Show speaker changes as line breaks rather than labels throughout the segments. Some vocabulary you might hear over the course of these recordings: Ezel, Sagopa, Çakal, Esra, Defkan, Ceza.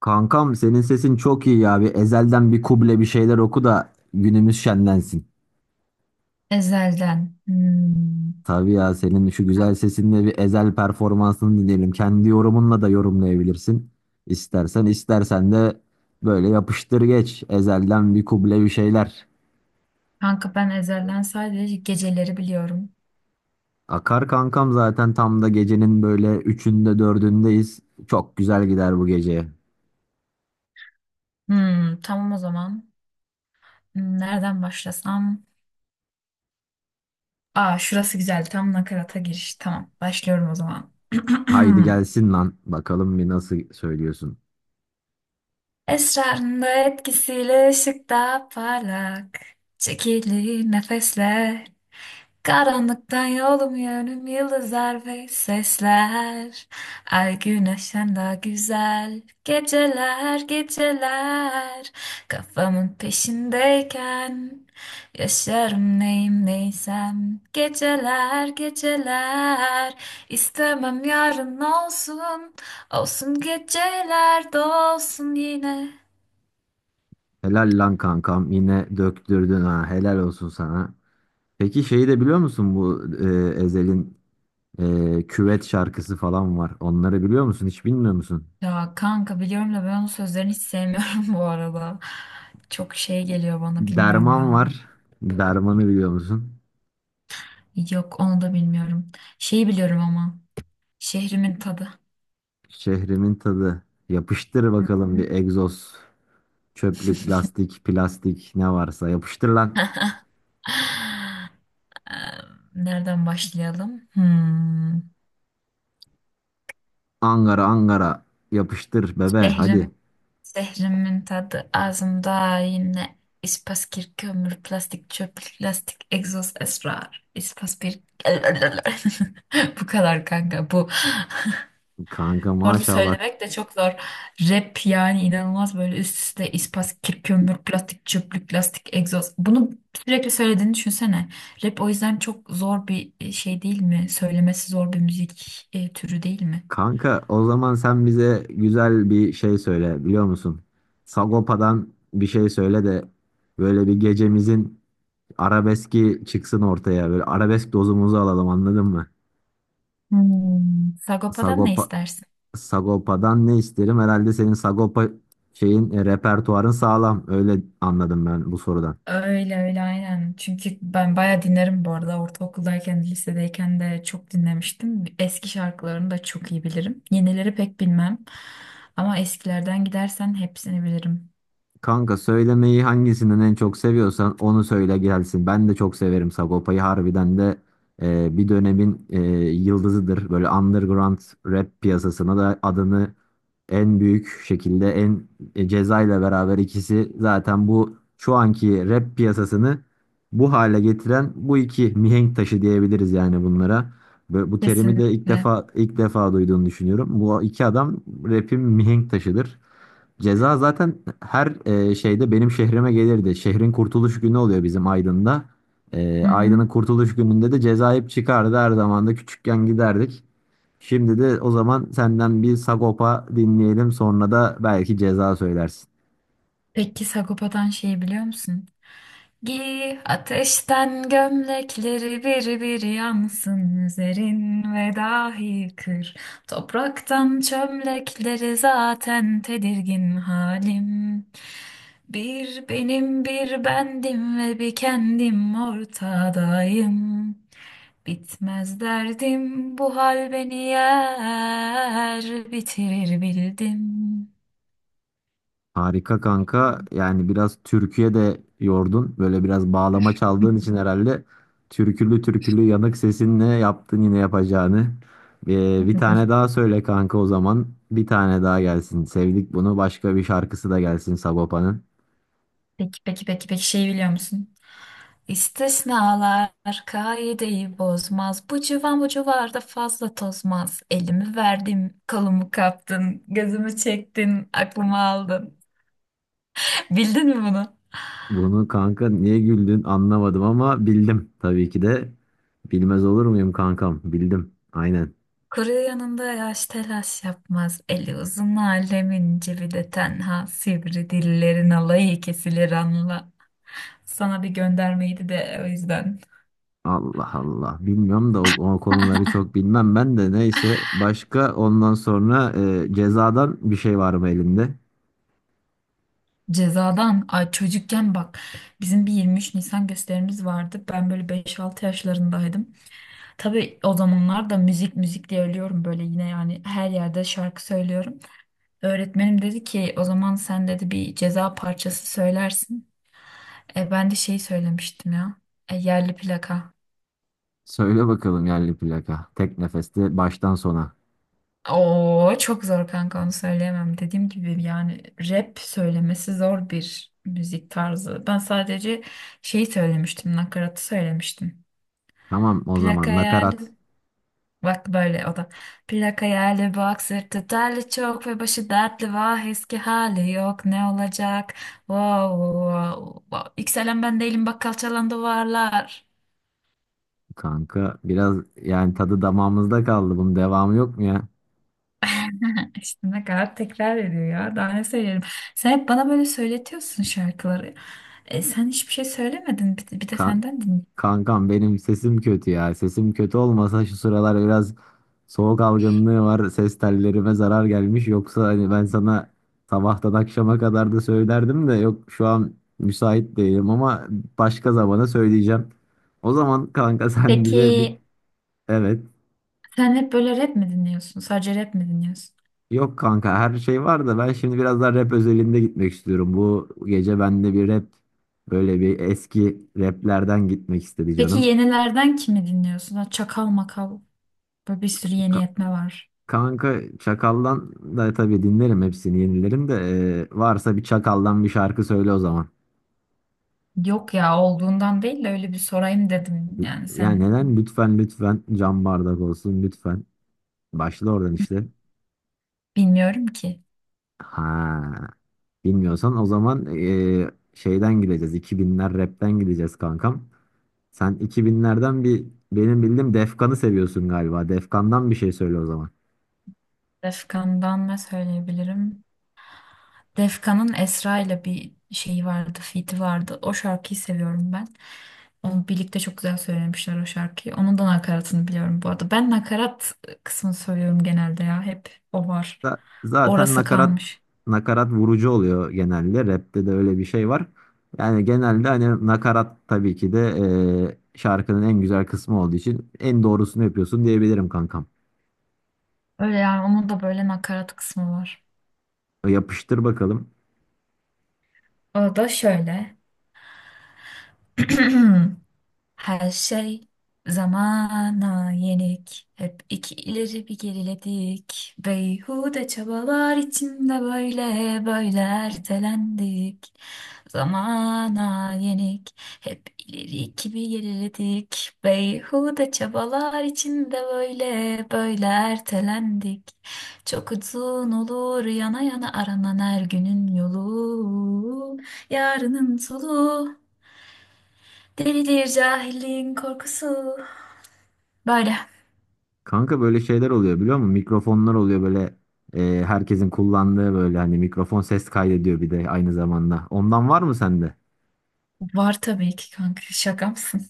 Kankam senin sesin çok iyi ya. Bir ezelden bir kuble bir şeyler oku da günümüz şenlensin.
Ezelden. Hmm.
Tabii ya senin şu güzel sesinle bir ezel performansını dinleyelim. Kendi yorumunla da yorumlayabilirsin. İstersen de böyle yapıştır geç. Ezelden bir kuble bir şeyler.
Kanka ben Ezelden sadece geceleri biliyorum.
Akar kankam zaten tam da gecenin böyle üçünde dördündeyiz. Çok güzel gider bu gece.
Hmm, tamam o zaman. Nereden başlasam? Aa, şurası güzel. Tam nakarata giriş. Tamam. Başlıyorum o zaman.
Haydi gelsin lan. Bakalım bir nasıl söylüyorsun.
Esrarında etkisiyle ışıkta parlak. Çekili nefesler. Karanlıktan yolum yönüm yıldızlar ve sesler. Ay güneşten daha güzel, geceler geceler. Kafamın peşindeyken yaşarım neyim neysem, geceler geceler. İstemem yarın olsun, olsun geceler dolsun yine.
Helal lan kankam yine döktürdün ha. Helal olsun sana. Peki şeyi de biliyor musun bu Ezel'in küvet şarkısı falan var. Onları biliyor musun? Hiç bilmiyor musun?
Ya kanka, biliyorum da ben onun sözlerini hiç sevmiyorum bu arada. Çok şey geliyor bana, bilmiyorum
Derman
ya.
var. Dermanı biliyor musun?
Yok, onu da bilmiyorum. Şeyi biliyorum ama. Şehrimin tadı.
Şehrimin tadı. Yapıştır
Hı.
bakalım bir egzoz. Çöplük, lastik, plastik ne varsa yapıştır lan.
Eee, Nereden başlayalım? Hmm.
Angara Angara yapıştır bebe
Şehrim,
hadi.
şehrimin tadı ağzımda yine ispas, kir, kömür, plastik, çöp, plastik, egzoz, esrar, ispas bir bu kadar kanka, bu
Kanka
orada
maşallah.
söylemek de çok zor. Rap yani inanılmaz, böyle üst üste ispas, kir, kömür, plastik, çöplük, lastik, egzoz. Bunu sürekli söylediğini düşünsene. Rap o yüzden çok zor bir şey değil mi? Söylemesi zor bir müzik türü değil mi?
Kanka o zaman sen bize güzel bir şey söyle biliyor musun? Sagopa'dan bir şey söyle de böyle bir gecemizin arabeski çıksın ortaya. Böyle arabesk dozumuzu alalım anladın mı?
Hmm. Sagopa'dan ne
Sagopa,
istersin?
Sagopa'dan ne isterim? Herhalde senin Sagopa şeyin, repertuarın sağlam. Öyle anladım ben bu sorudan.
Öyle öyle, aynen. Çünkü ben bayağı dinlerim bu arada. Ortaokuldayken, lisedeyken de çok dinlemiştim. Eski şarkılarını da çok iyi bilirim. Yenileri pek bilmem. Ama eskilerden gidersen hepsini bilirim.
Kanka söylemeyi hangisinden en çok seviyorsan onu söyle gelsin. Ben de çok severim Sagopa'yı. Harbiden de bir dönemin yıldızıdır. Böyle underground rap piyasasına da adını en büyük şekilde en Ceza ile beraber ikisi zaten bu şu anki rap piyasasını bu hale getiren bu iki mihenk taşı diyebiliriz yani bunlara. Ve bu terimi de
Kesinlikle.
ilk defa duyduğunu düşünüyorum. Bu iki adam rap'in mihenk taşıdır. Ceza zaten her şeyde benim şehrime gelirdi. Şehrin kurtuluş günü oluyor bizim Aydın'da.
Hı hı.
Aydın'ın kurtuluş gününde de Ceza hep çıkardı, her zaman da küçükken giderdik. Şimdi de o zaman senden bir Sagopa dinleyelim. Sonra da belki ceza söylersin.
Peki Sagopa'dan şeyi biliyor musun? Giy ateşten gömlekleri, bir bir yansın üzerin ve dahi kır. Topraktan çömlekleri, zaten tedirgin halim. Bir benim, bir bendim ve bir kendim ortadayım. Bitmez derdim, bu hal beni yer bitirir.
Harika kanka.
Bildim.
Yani biraz türküye de yordun. Böyle biraz bağlama çaldığın için herhalde türkülü türkülü yanık sesinle yaptın yine yapacağını. Bir tane daha söyle kanka o zaman. Bir tane daha gelsin. Sevdik bunu. Başka bir şarkısı da gelsin Sagopa'nın.
Peki peki peki peki, şey biliyor musun? İstisnalar kaideyi bozmaz. Bu civan bu civarda fazla tozmaz. Elimi verdim, kolumu kaptın, gözümü çektin, aklımı aldın. Bildin mi bunu?
Bunu kanka niye güldün anlamadım ama bildim tabii ki de. Bilmez olur muyum kankam? Bildim. Aynen.
Kuru yanında yaş telaş yapmaz. Eli uzun alemin cebi de tenha. Sivri dillerin alayı kesilir anla. Sana bir göndermeydi de o yüzden.
Allah Allah. Bilmiyorum da o konuları çok bilmem ben de. Neyse. Başka ondan sonra cezadan bir şey var mı elinde?
Cezadan, ay çocukken bak, bizim bir 23 Nisan gösterimiz vardı. Ben böyle beş altı yaşlarındaydım. Tabii o zamanlar da müzik müzik diye ölüyorum böyle, yine yani her yerde şarkı söylüyorum. Öğretmenim dedi ki o zaman, sen dedi bir ceza parçası söylersin. Ben de şey söylemiştim ya. Yerli plaka.
Söyle bakalım yerli plaka. Tek nefeste baştan sona.
Oo, çok zor kanka, onu söyleyemem. Dediğim gibi yani rap söylemesi zor bir müzik tarzı. Ben sadece şey söylemiştim, nakaratı söylemiştim.
Tamam o
Plak
zaman nakarat.
hayali. Bak böyle o da. Plak hayali, bak sırtı terli çok ve başı dertli, vah eski hali yok ne olacak. Wow, wow, wow. Yükselen ben değilim, bak kalçalandı varlar.
Kanka biraz yani tadı damağımızda kaldı. Bunun devamı yok mu ya?
İşte ne kadar tekrar ediyor ya, daha ne söyleyelim. Sen hep bana böyle söyletiyorsun şarkıları. Sen hiçbir şey söylemedin, bir de
Kan
senden dinle.
Kankam benim sesim kötü ya. Sesim kötü olmasa şu sıralar biraz soğuk algınlığı var. Ses tellerime zarar gelmiş. Yoksa hani ben sana sabahtan akşama kadar da söylerdim de yok şu an müsait değilim ama başka zamana söyleyeceğim. O zaman kanka sen bize bir
Peki
evet.
sen hep böyle rap mi dinliyorsun? Sadece rap mi dinliyorsun?
Yok kanka her şey var da ben şimdi biraz daha rap özelinde gitmek istiyorum. Bu gece bende bir rap böyle bir eski raplerden gitmek istedi
Peki
canım.
yenilerden kimi dinliyorsun? Ha, Çakal makal. Böyle bir sürü yeni yetme var.
Kanka Çakal'dan da tabii dinlerim hepsini, yenilerim de. Varsa bir Çakal'dan bir şarkı söyle o zaman.
Yok ya, olduğundan değil de öyle bir sorayım dedim. Yani
Yani
sen
neden? Lütfen lütfen cam bardak olsun lütfen. Başla oradan işte.
bilmiyorum ki.
Ha, bilmiyorsan o zaman şeyden gideceğiz. 2000'ler rapten gideceğiz kankam. Sen 2000'lerden bir benim bildiğim Defkan'ı seviyorsun galiba. Defkan'dan bir şey söyle o zaman.
Defkan'dan ne söyleyebilirim? Defkan'ın Esra ile bir şeyi vardı, feat'i vardı. O şarkıyı seviyorum ben. Onu birlikte çok güzel söylemişler o şarkıyı. Onun da nakaratını biliyorum bu arada. Ben nakarat kısmını söylüyorum genelde ya. Hep o var.
Zaten
Orası kalmış.
nakarat vurucu oluyor genelde. Rap'te de öyle bir şey var. Yani genelde hani nakarat tabii ki de şarkının en güzel kısmı olduğu için en doğrusunu yapıyorsun diyebilirim kankam.
Öyle yani onun da böyle nakarat kısmı var.
Yapıştır bakalım.
O da şöyle. Her şey zamana yenik. Hep iki ileri bir geriledik. Beyhude çabalar içinde böyle böyle ertelendik. Zamana yenik. Hep ileri iki bir geriledik. Beyhude çabalar içinde böyle böyle ertelendik. Çok uzun olur yana yana aranan her günün yolu. Yarının soluğu. Delidir cahilliğin korkusu. Böyle.
Kanka böyle şeyler oluyor biliyor musun? Mikrofonlar oluyor böyle herkesin kullandığı, böyle hani mikrofon ses kaydediyor bir de aynı zamanda. Ondan var mı sende?
Var tabii ki kanka. Şaka mısın?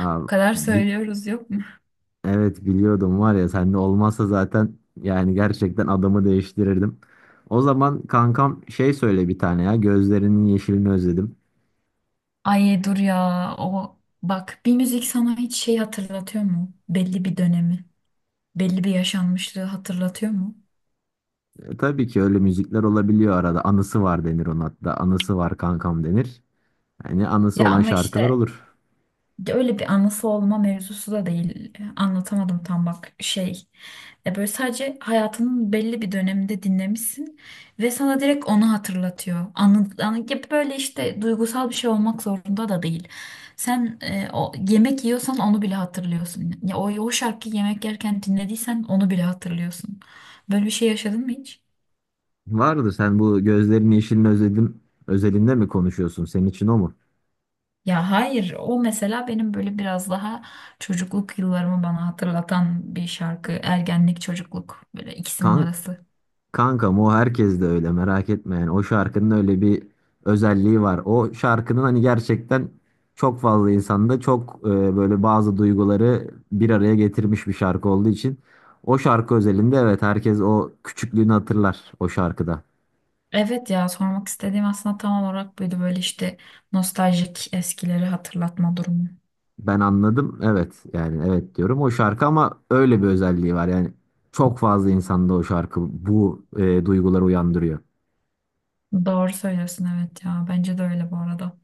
Aa,
Bu kadar
bi-
söylüyoruz, yok mu?
Evet biliyordum, var ya sen de olmazsa zaten yani gerçekten adamı değiştirirdim. O zaman kankam şey söyle bir tane ya, gözlerinin yeşilini özledim.
Ay, dur ya. O, bak bir müzik sana hiç şey hatırlatıyor mu? Belli bir dönemi, belli bir yaşanmışlığı hatırlatıyor mu?
Tabii ki öyle müzikler olabiliyor, arada anısı var denir ona, hatta anısı var kankam denir. Yani anısı
Ya
olan
ama
şarkılar
işte
olur.
de öyle bir anası olma mevzusu da değil. Anlatamadım tam bak, şey. Böyle sadece hayatının belli bir döneminde dinlemişsin ve sana direkt onu hatırlatıyor. Anladığın gibi, böyle işte duygusal bir şey olmak zorunda da değil. Sen o yemek yiyorsan onu bile hatırlıyorsun. Ya o şarkıyı yemek yerken dinlediysen onu bile hatırlıyorsun. Böyle bir şey yaşadın mı hiç?
Vardır, sen bu gözlerinin yeşilini özledim özelinde mi konuşuyorsun, senin için o mu?
Ya hayır, o mesela benim böyle biraz daha çocukluk yıllarımı bana hatırlatan bir şarkı. Ergenlik, çocukluk, böyle ikisinin
Kan
arası.
Kankam o herkes de öyle, merak etme. Yani o şarkının öyle bir özelliği var. O şarkının hani gerçekten çok fazla insanda çok böyle bazı duyguları bir araya getirmiş bir şarkı olduğu için, o şarkı özelinde evet, herkes o küçüklüğünü hatırlar o şarkıda.
Evet ya, sormak istediğim aslında tam olarak buydu, böyle işte nostaljik, eskileri hatırlatma durumu.
Ben anladım evet, yani evet diyorum o şarkı, ama öyle bir özelliği var yani çok fazla insanda o şarkı bu duyguları uyandırıyor.
Doğru söylüyorsun, evet ya bence de öyle bu arada.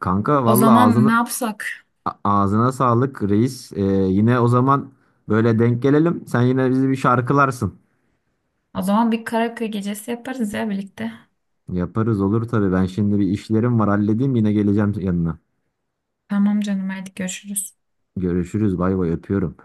Kanka
O
valla
zaman ne yapsak?
Ağzına sağlık reis. Yine o zaman böyle denk gelelim. Sen yine bizi bir şarkılarsın.
O zaman bir karaoke gecesi yaparız ya birlikte.
Yaparız, olur tabii. Ben şimdi bir işlerim var, halledeyim, yine geleceğim yanına.
Tamam canım, hadi görüşürüz.
Görüşürüz, bay bay, öpüyorum.